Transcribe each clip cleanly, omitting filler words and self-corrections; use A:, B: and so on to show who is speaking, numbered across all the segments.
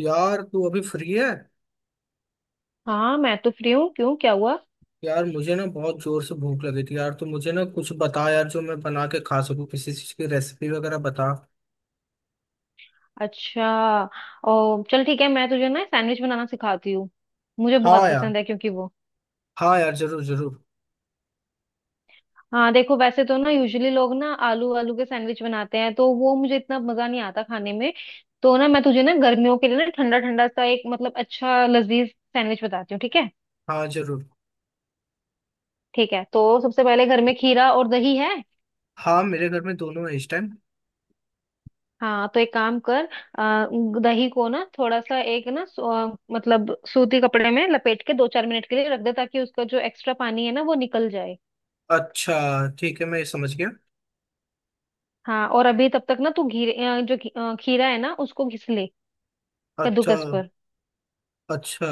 A: यार तू अभी फ्री है।
B: हाँ मैं तो फ्री हूँ। क्यों क्या हुआ?
A: यार मुझे ना बहुत जोर से भूख लगी थी यार, तो मुझे ना कुछ बता यार जो मैं बना के खा सकूं, किसी चीज की रेसिपी वगैरह बता।
B: अच्छा। ओ चल ठीक है, मैं तुझे ना सैंडविच बनाना सिखाती हूँ। मुझे बहुत
A: हाँ यार।
B: पसंद है क्योंकि वो
A: हाँ यार, जरूर जरूर।
B: हाँ देखो, वैसे तो ना यूजुअली लोग ना आलू आलू के सैंडविच बनाते हैं तो वो मुझे इतना मजा नहीं आता खाने में। तो ना मैं तुझे ना गर्मियों के लिए ना ठंडा ठंडा सा एक मतलब अच्छा लजीज सैंडविच बताती हूँ, ठीक है?
A: हाँ जरूर।
B: ठीक है, तो सबसे पहले घर में खीरा और दही है।
A: हाँ मेरे घर में दोनों है इस टाइम।
B: हाँ तो एक काम कर, आ, दही को ना थोड़ा सा एक ना मतलब सूती कपड़े में लपेट के दो चार मिनट के लिए रख दे ताकि उसका जो एक्स्ट्रा पानी है ना वो निकल जाए।
A: अच्छा, ठीक है, मैं ये समझ गया।
B: हाँ और अभी तब तक ना तू घी अ, जो घी- अ, खीरा है ना उसको घिस ले,
A: अच्छा।
B: कद्दूकस पर।
A: अच्छा,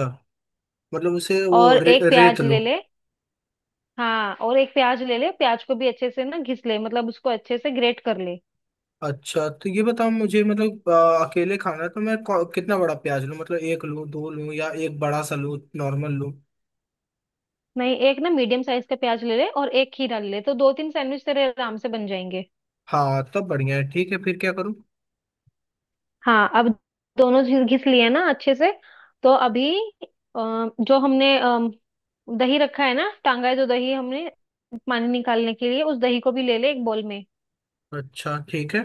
A: मतलब उसे वो
B: और
A: रे,
B: एक
A: रेत
B: प्याज
A: लो।
B: ले ले। हाँ और एक प्याज ले ले, प्याज को भी अच्छे से ना घिस ले, मतलब उसको अच्छे से ग्रेट कर ले।
A: अच्छा, तो ये बताओ मुझे, मतलब अकेले खाना है तो मैं कितना बड़ा प्याज लूँ, मतलब एक लूँ, दो लूँ, या एक बड़ा सा लूँ, नॉर्मल लूँ।
B: नहीं, एक ना मीडियम साइज का प्याज ले ले और एक खीरा ले ले, तो दो तीन सैंडविच तेरे आराम से बन जाएंगे।
A: हाँ, तब बढ़िया है। ठीक है, फिर क्या करूँ।
B: हाँ अब, दोनों चीज घिस लिए ना अच्छे से? तो अभी अ, जो हमने दही रखा है ना, टांगा है जो दही हमने पानी निकालने के लिए, उस दही को भी ले ले एक बोल में।
A: अच्छा ठीक है।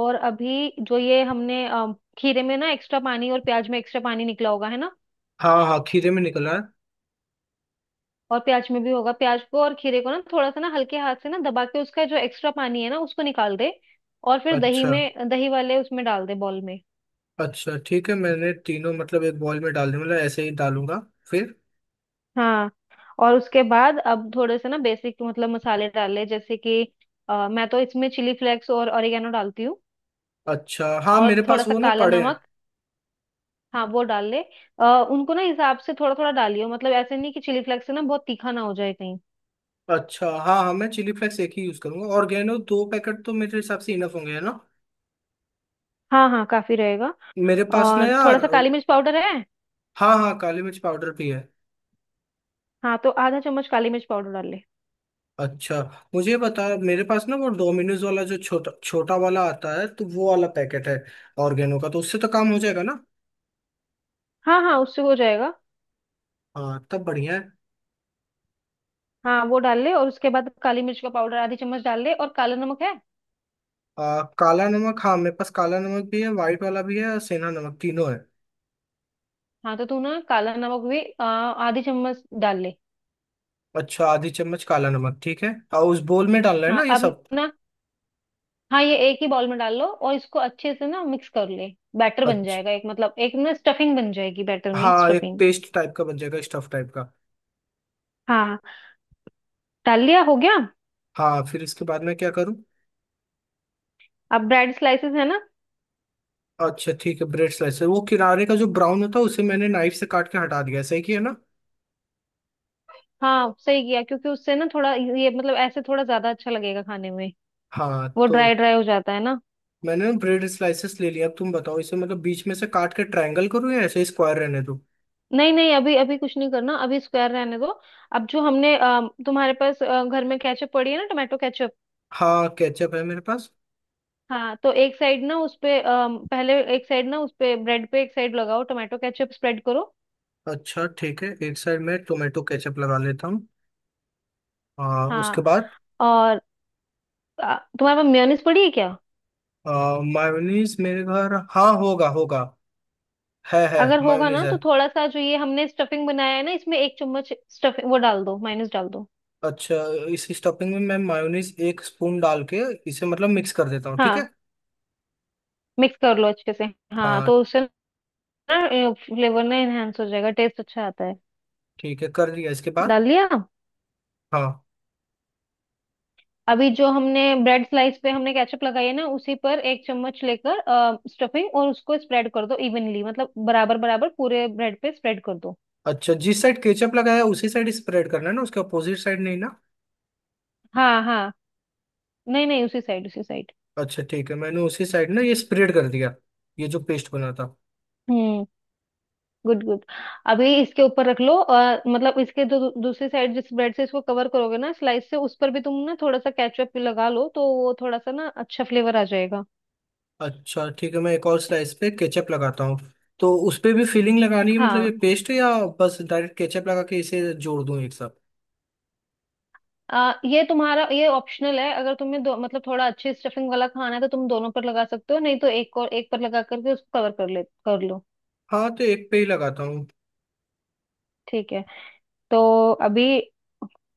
B: और अभी जो ये हमने खीरे में ना एक्स्ट्रा पानी और प्याज में एक्स्ट्रा पानी निकला होगा है ना।
A: हाँ हाँ, खीरे में निकला है।
B: और प्याज में भी होगा, प्याज को और खीरे को ना थोड़ा सा ना हल्के हाथ से ना दबा के उसका जो एक्स्ट्रा पानी है ना उसको निकाल दे। और फिर दही
A: अच्छा।
B: में, दही वाले उसमें डाल दे बॉल में।
A: अच्छा ठीक है, मैंने तीनों मतलब एक बॉल में डाल दिए, मतलब ऐसे ही डालूंगा। फिर?
B: हाँ और उसके बाद अब थोड़े से ना बेसिक मतलब मसाले डाले, जैसे कि मैं तो इसमें चिली फ्लेक्स और ऑरिगेनो डालती हूँ।
A: अच्छा, हाँ,
B: और
A: मेरे पास
B: थोड़ा सा
A: वो ना
B: काला
A: पड़े हैं।
B: नमक, हाँ वो डाल ले। अ, उनको ना हिसाब से थोड़ा थोड़ा डालियो, मतलब ऐसे नहीं कि चिली फ्लेक्स से ना बहुत तीखा ना हो जाए कहीं।
A: अच्छा, हाँ हाँ, मैं चिली फ्लेक्स एक ही यूज करूंगा, ऑर्गेनो दो पैकेट तो मेरे हिसाब से इनफ होंगे, है ना।
B: हाँ हाँ, काफी रहेगा।
A: मेरे पास ना
B: और थोड़ा
A: यार।
B: सा काली मिर्च पाउडर है?
A: हाँ हाँ, काली मिर्च पाउडर भी है।
B: हाँ तो आधा चम्मच काली मिर्च पाउडर डाल ले।
A: अच्छा। मुझे बता, मेरे पास ना वो डोमिनोज वाला जो छोटा छोटा वाला आता है तो वो वाला पैकेट है ऑर्गेनो का, तो उससे तो काम हो जाएगा ना।
B: हाँ हाँ उससे हो जाएगा।
A: हाँ, तब बढ़िया है।
B: हाँ वो डाल ले और उसके बाद काली मिर्च का पाउडर आधी चम्मच डाल ले। और काला नमक है?
A: काला नमक हाँ, मेरे पास काला नमक भी है, व्हाइट वाला भी है, और सेंधा नमक, तीनों है।
B: हाँ तो तू ना काला नमक भी आधी चम्मच डाल ले।
A: अच्छा, आधी चम्मच काला नमक, ठीक है। और उस बोल में डालना है ना
B: हाँ
A: ये
B: अब
A: सब।
B: ना, हाँ ये एक ही बाउल में डाल लो और इसको अच्छे से ना मिक्स कर ले। बैटर बन
A: अच्छा।
B: जाएगा एक मतलब एक ना स्टफिंग बन जाएगी, बैटर में
A: हाँ, एक
B: स्टफिंग।
A: पेस्ट टाइप का बन जाएगा, स्टफ टाइप का।
B: हाँ, डाल लिया, हो गया?
A: हाँ, फिर इसके बाद मैं क्या करूँ।
B: अब ब्रेड स्लाइसेस है ना।
A: अच्छा ठीक है, ब्रेड स्लाइसर वो किनारे का जो ब्राउन होता है उसे मैंने नाइफ से काट के हटा दिया है, सही किया ना।
B: हाँ सही किया, क्योंकि उससे ना थोड़ा ये मतलब ऐसे थोड़ा ज्यादा अच्छा लगेगा खाने में।
A: हाँ,
B: वो
A: तो
B: ड्राई ड्राई हो जाता है ना।
A: मैंने ना ब्रेड स्लाइसेस ले लिया, अब तुम बताओ इसे मतलब बीच में से काट के ट्रायंगल करूँ या ऐसे स्क्वायर रहने दूँ।
B: नहीं नहीं अभी अभी कुछ नहीं करना, अभी स्क्वायर रहने दो। अब जो हमने तुम्हारे पास घर में केचप पड़ी है ना, टोमेटो केचप।
A: हाँ, केचप है मेरे पास।
B: हाँ तो एक साइड ना उस पे पहले एक साइड ना उस पे ब्रेड पे एक साइड लगाओ, टोमेटो केचप स्प्रेड करो।
A: अच्छा ठीक है, एक साइड में टोमेटो केचप लगा लेता हूँ। हाँ, उसके
B: हाँ
A: बाद?
B: और तुम्हारे पास मेयोनीज पड़ी है क्या?
A: मायोनीज मेरे घर, हाँ, होगा होगा। है,
B: अगर होगा
A: मायोनीज
B: ना,
A: है।
B: तो थोड़ा सा जो ये हमने स्टफिंग बनाया है ना, इसमें एक चम्मच स्टफिंग वो डाल दो, माइनस डाल दो।
A: अच्छा, इस स्टफिंग में मैं मायोनीज एक स्पून डाल के इसे मतलब मिक्स कर देता हूँ, ठीक है।
B: हाँ, मिक्स कर लो अच्छे से। हाँ
A: हाँ।
B: तो उससे ना फ्लेवर ना एनहेंस हो जाएगा, टेस्ट अच्छा आता है।
A: ठीक है, कर दिया, इसके बाद?
B: डाल दिया?
A: हाँ।
B: अभी जो हमने ब्रेड स्लाइस पे हमने केचप लगाई है ना, उसी पर एक चम्मच लेकर स्टफिंग, और उसको स्प्रेड कर दो इवनली, मतलब बराबर बराबर पूरे ब्रेड पे स्प्रेड कर दो।
A: अच्छा, जिस साइड केचप लगाया उसी साइड स्प्रेड करना है ना, उसके अपोजिट साइड नहीं ना।
B: हाँ हाँ, नहीं नहीं, उसी साइड, उसी साइड।
A: अच्छा ठीक है, मैंने उसी साइड ना ये स्प्रेड कर दिया, ये जो पेस्ट बना था।
B: हम्म। Good good. अभी इसके ऊपर रख लो और मतलब इसके जो दूसरी साइड जिस ब्रेड से इसको कवर करोगे ना स्लाइस से, उस पर भी तुम ना थोड़ा सा केचप लगा लो, तो वो थोड़ा सा ना अच्छा फ्लेवर आ जाएगा।
A: अच्छा ठीक है, मैं एक और स्लाइस पे केचप लगाता हूँ। तो उस पे भी फिलिंग लगानी है मतलब ये
B: हाँ
A: पेस्ट, है या बस डायरेक्ट केचप लगा के इसे जोड़ दूं एक साथ।
B: ये तुम्हारा ये ऑप्शनल है, अगर तुम्हें दो मतलब थोड़ा अच्छे स्टफिंग वाला खाना है तो तुम दोनों पर लगा सकते हो, नहीं तो एक और एक पर लगा करके उसको कवर कर ले, कर लो।
A: हाँ, तो एक पे ही लगाता हूँ।
B: ठीक है, तो अभी,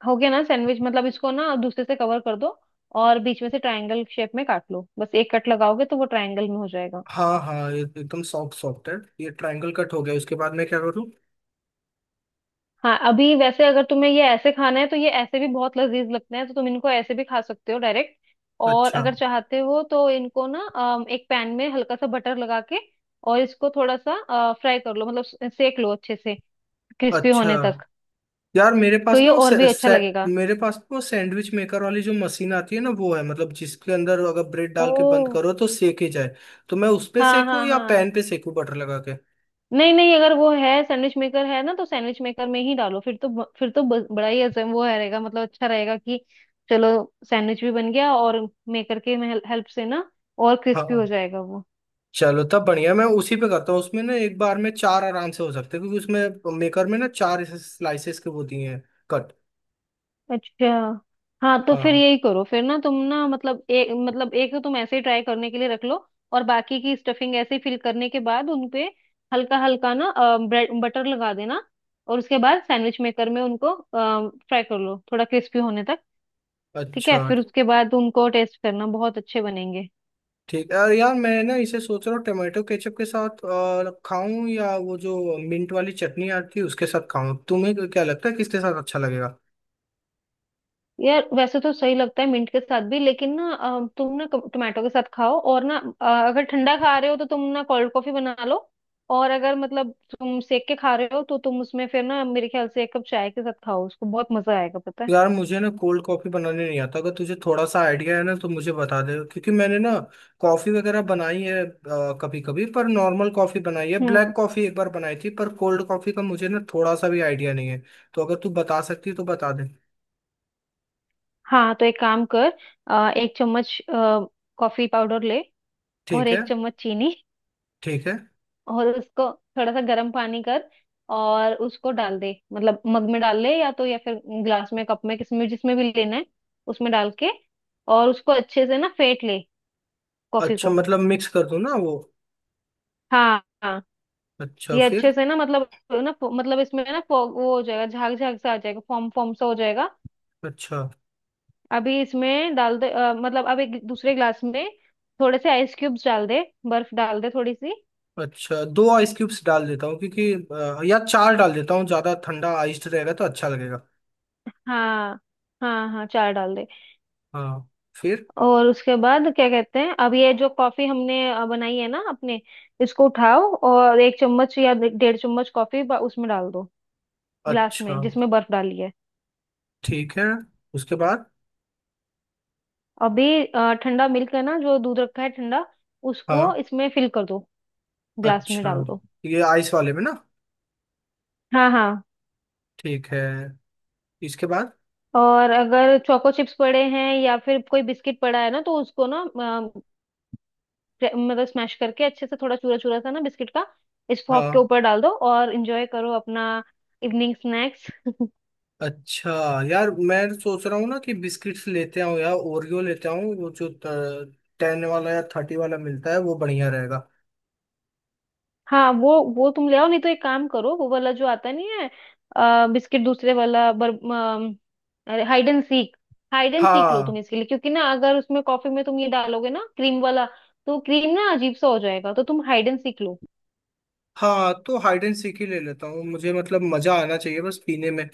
B: हो गया ना सैंडविच, मतलब इसको ना दूसरे से कवर कर दो, और बीच में से ट्रायंगल शेप में काट लो, बस एक कट लगाओगे तो वो ट्रायंगल में हो जाएगा।
A: हाँ हाँ, ये एकदम सॉफ्ट सॉफ्ट है। ये ट्रायंगल कट हो गया, उसके बाद मैं क्या करूँ।
B: हाँ अभी वैसे अगर तुम्हें ये ऐसे खाना है तो ये ऐसे भी बहुत लजीज लगते हैं, तो तुम इनको ऐसे भी खा सकते हो डायरेक्ट। और
A: अच्छा।
B: अगर चाहते हो तो इनको ना एक पैन में हल्का सा बटर लगा के, और इसको थोड़ा सा फ्राई कर लो, मतलब सेक लो अच्छे से, क्रिस्पी
A: अच्छा,
B: होने तक।
A: यार मेरे
B: तो
A: पास
B: ये
A: ना वो
B: और भी अच्छा लगेगा।
A: मेरे पास ना वो सैंडविच मेकर वाली जो मशीन आती है ना वो है, मतलब जिसके अंदर अगर ब्रेड डाल के बंद
B: ओ,
A: करो तो सेके जाए। तो मैं उस पे
B: हाँ
A: सेकूँ
B: हाँ
A: या
B: हाँ,
A: पैन पे सेकूँ बटर लगा के।
B: नहीं नहीं, अगर वो है, सैंडविच मेकर है ना, तो सैंडविच मेकर में ही डालो, फिर तो फिर तो बड़ा ही अच्छा वो है रहेगा, मतलब अच्छा रहेगा कि, चलो, सैंडविच भी बन गया और मेकर के हेल्प से ना और
A: हाँ
B: क्रिस्पी हो
A: हाँ।
B: जाएगा वो।
A: चलो, तब बढ़िया, मैं उसी पे करता हूँ, उसमें ना एक बार में चार आराम से हो सकते हैं क्योंकि उसमें मेकर में ना चार स्लाइसेस के वो दिए हैं कट।
B: अच्छा हाँ, तो फिर
A: हाँ।
B: यही करो, फिर ना तुम ना मतलब एक तो तुम ऐसे ही ट्राई करने के लिए रख लो, और बाकी की स्टफिंग ऐसे ही फिल करने के बाद उनपे हल्का हल्का ना ब्रेड बटर लगा देना, और उसके बाद सैंडविच मेकर में उनको फ्राई कर लो थोड़ा क्रिस्पी होने तक। ठीक है,
A: अच्छा
B: फिर उसके बाद उनको टेस्ट करना, बहुत अच्छे बनेंगे।
A: ठीक है। और यार मैं ना इसे सोच रहा हूँ, टमाटो केचप के साथ और खाऊं या वो जो मिंट वाली चटनी आती है उसके साथ खाऊं, तुम्हें क्या लगता है किसके साथ अच्छा लगेगा।
B: यार वैसे तो सही लगता है मिंट के साथ भी, लेकिन ना तुम ना टोमेटो के साथ खाओ और ना अगर ठंडा खा रहे हो तो तुम ना कोल्ड कॉफी बना लो, और अगर मतलब तुम सेक के खा रहे हो तो तुम उसमें फिर ना मेरे ख्याल से एक कप चाय के साथ खाओ, उसको बहुत मजा आएगा पता है।
A: यार, मुझे ना कोल्ड कॉफी बनाने नहीं आता, अगर तुझे थोड़ा सा आइडिया है ना तो मुझे बता दे, क्योंकि मैंने ना कॉफी वगैरह बनाई है कभी कभी, पर नॉर्मल कॉफी बनाई है,
B: हम्म।
A: ब्लैक कॉफी एक बार बनाई थी, पर कोल्ड कॉफी का मुझे ना थोड़ा सा भी आइडिया नहीं है, तो अगर तू बता सकती है तो बता दे।
B: हाँ तो एक काम कर, एक चम्मच कॉफी पाउडर ले, और
A: ठीक है।
B: एक चम्मच चीनी,
A: ठीक है।
B: और उसको थोड़ा सा गर्म पानी कर और उसको डाल दे, मतलब मग में डाल ले या तो या फिर ग्लास में, कप में, किसमें जिसमें भी लेना है, उसमें डाल के, और उसको अच्छे से ना फेंट ले, कॉफी
A: अच्छा,
B: को।
A: मतलब मिक्स कर दूं ना वो।
B: हाँ हाँ,
A: अच्छा,
B: ये
A: फिर?
B: अच्छे से ना मतलब इसमें ना वो हो जाएगा, झाग झाग सा आ जाएगा, फॉर्म फॉर्म सा हो जाएगा।
A: अच्छा।
B: अभी इसमें डाल दे मतलब अब एक दूसरे ग्लास में थोड़े से आइस क्यूब्स डाल दे, बर्फ डाल दे थोड़ी सी।
A: अच्छा, दो आइस क्यूब्स डाल देता हूँ, क्योंकि या चार डाल देता हूँ, ज्यादा ठंडा आइस रहेगा तो अच्छा लगेगा।
B: हाँ हाँ हाँ, चार डाल दे।
A: हाँ। फिर?
B: और उसके बाद क्या कहते हैं, अब ये जो कॉफी हमने बनाई है ना अपने, इसको उठाओ और एक चम्मच या डेढ़ चम्मच कॉफी उसमें डाल दो, गिलास
A: अच्छा
B: में जिसमें बर्फ डाली है।
A: ठीक है, उसके बाद?
B: अभी ठंडा मिल्क है ना, जो दूध रखा है ठंडा,
A: हाँ।
B: उसको इसमें फिल कर दो, ग्लास में
A: अच्छा,
B: डाल दो।
A: ये आइस वाले में ना।
B: हाँ हाँ।
A: ठीक है, इसके बाद?
B: और अगर चोको चिप्स पड़े हैं या फिर कोई बिस्किट पड़ा है ना, तो उसको ना मतलब स्मैश करके अच्छे से थोड़ा चूरा चूरा सा ना बिस्किट का, इस फॉग के
A: हाँ।
B: ऊपर डाल दो और एंजॉय करो अपना इवनिंग स्नैक्स।
A: अच्छा, यार मैं सोच रहा हूँ ना कि बिस्किट्स लेते आऊँ यार, ओरियो लेते आऊँ, वो जो 10 वाला या 30 वाला मिलता है वो बढ़िया रहेगा।
B: हाँ वो तुम ले आओ, नहीं तो एक काम करो, वो वाला जो आता नहीं है, बिस्किट दूसरे वाला अरे Hide and Seek, Hide and Seek लो
A: हाँ।
B: तुम इसके लिए, क्योंकि ना अगर उसमें कॉफी में तुम ये डालोगे ना क्रीम वाला, तो क्रीम ना अजीब सा हो जाएगा, तो तुम हाइड एंड सीक लो।
A: हाँ, तो हाइड एंड सीक ही ले लेता हूँ, मुझे मतलब मजा आना चाहिए बस पीने में।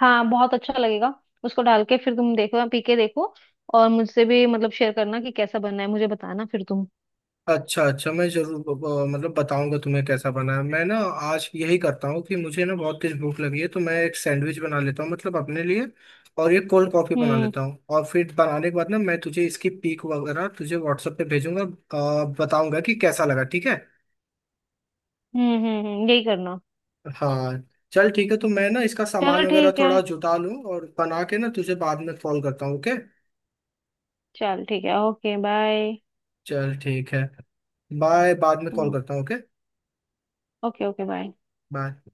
B: हाँ बहुत अच्छा लगेगा, उसको डाल के फिर तुम देखो, पी के देखो, और मुझसे भी मतलब शेयर करना कि कैसा बनना है, मुझे बताना फिर तुम।
A: अच्छा। अच्छा, मैं जरूर मतलब बताऊंगा तुम्हें कैसा बना है। मैं ना आज यही करता हूँ कि मुझे ना बहुत तेज भूख लगी है तो मैं एक सैंडविच बना लेता हूँ मतलब अपने लिए, और ये कोल्ड कॉफी बना
B: हम्म
A: लेता हूँ, और फिर बनाने के बाद ना मैं तुझे इसकी पिक वगैरह तुझे व्हाट्सएप पे भेजूंगा, बताऊंगा कि कैसा लगा, ठीक है।
B: यही करना।
A: हाँ। चल ठीक है, तो मैं ना इसका
B: चलो
A: सामान वगैरह
B: ठीक है।
A: थोड़ा जुटा लूँ और बना के ना तुझे बाद में कॉल करता हूँ, ओके।
B: चल ठीक है, ओके बाय।
A: चल ठीक है। बाय, बाद में कॉल
B: हम्म,
A: करता हूँ, okay.
B: Okay okay bye.
A: Bye.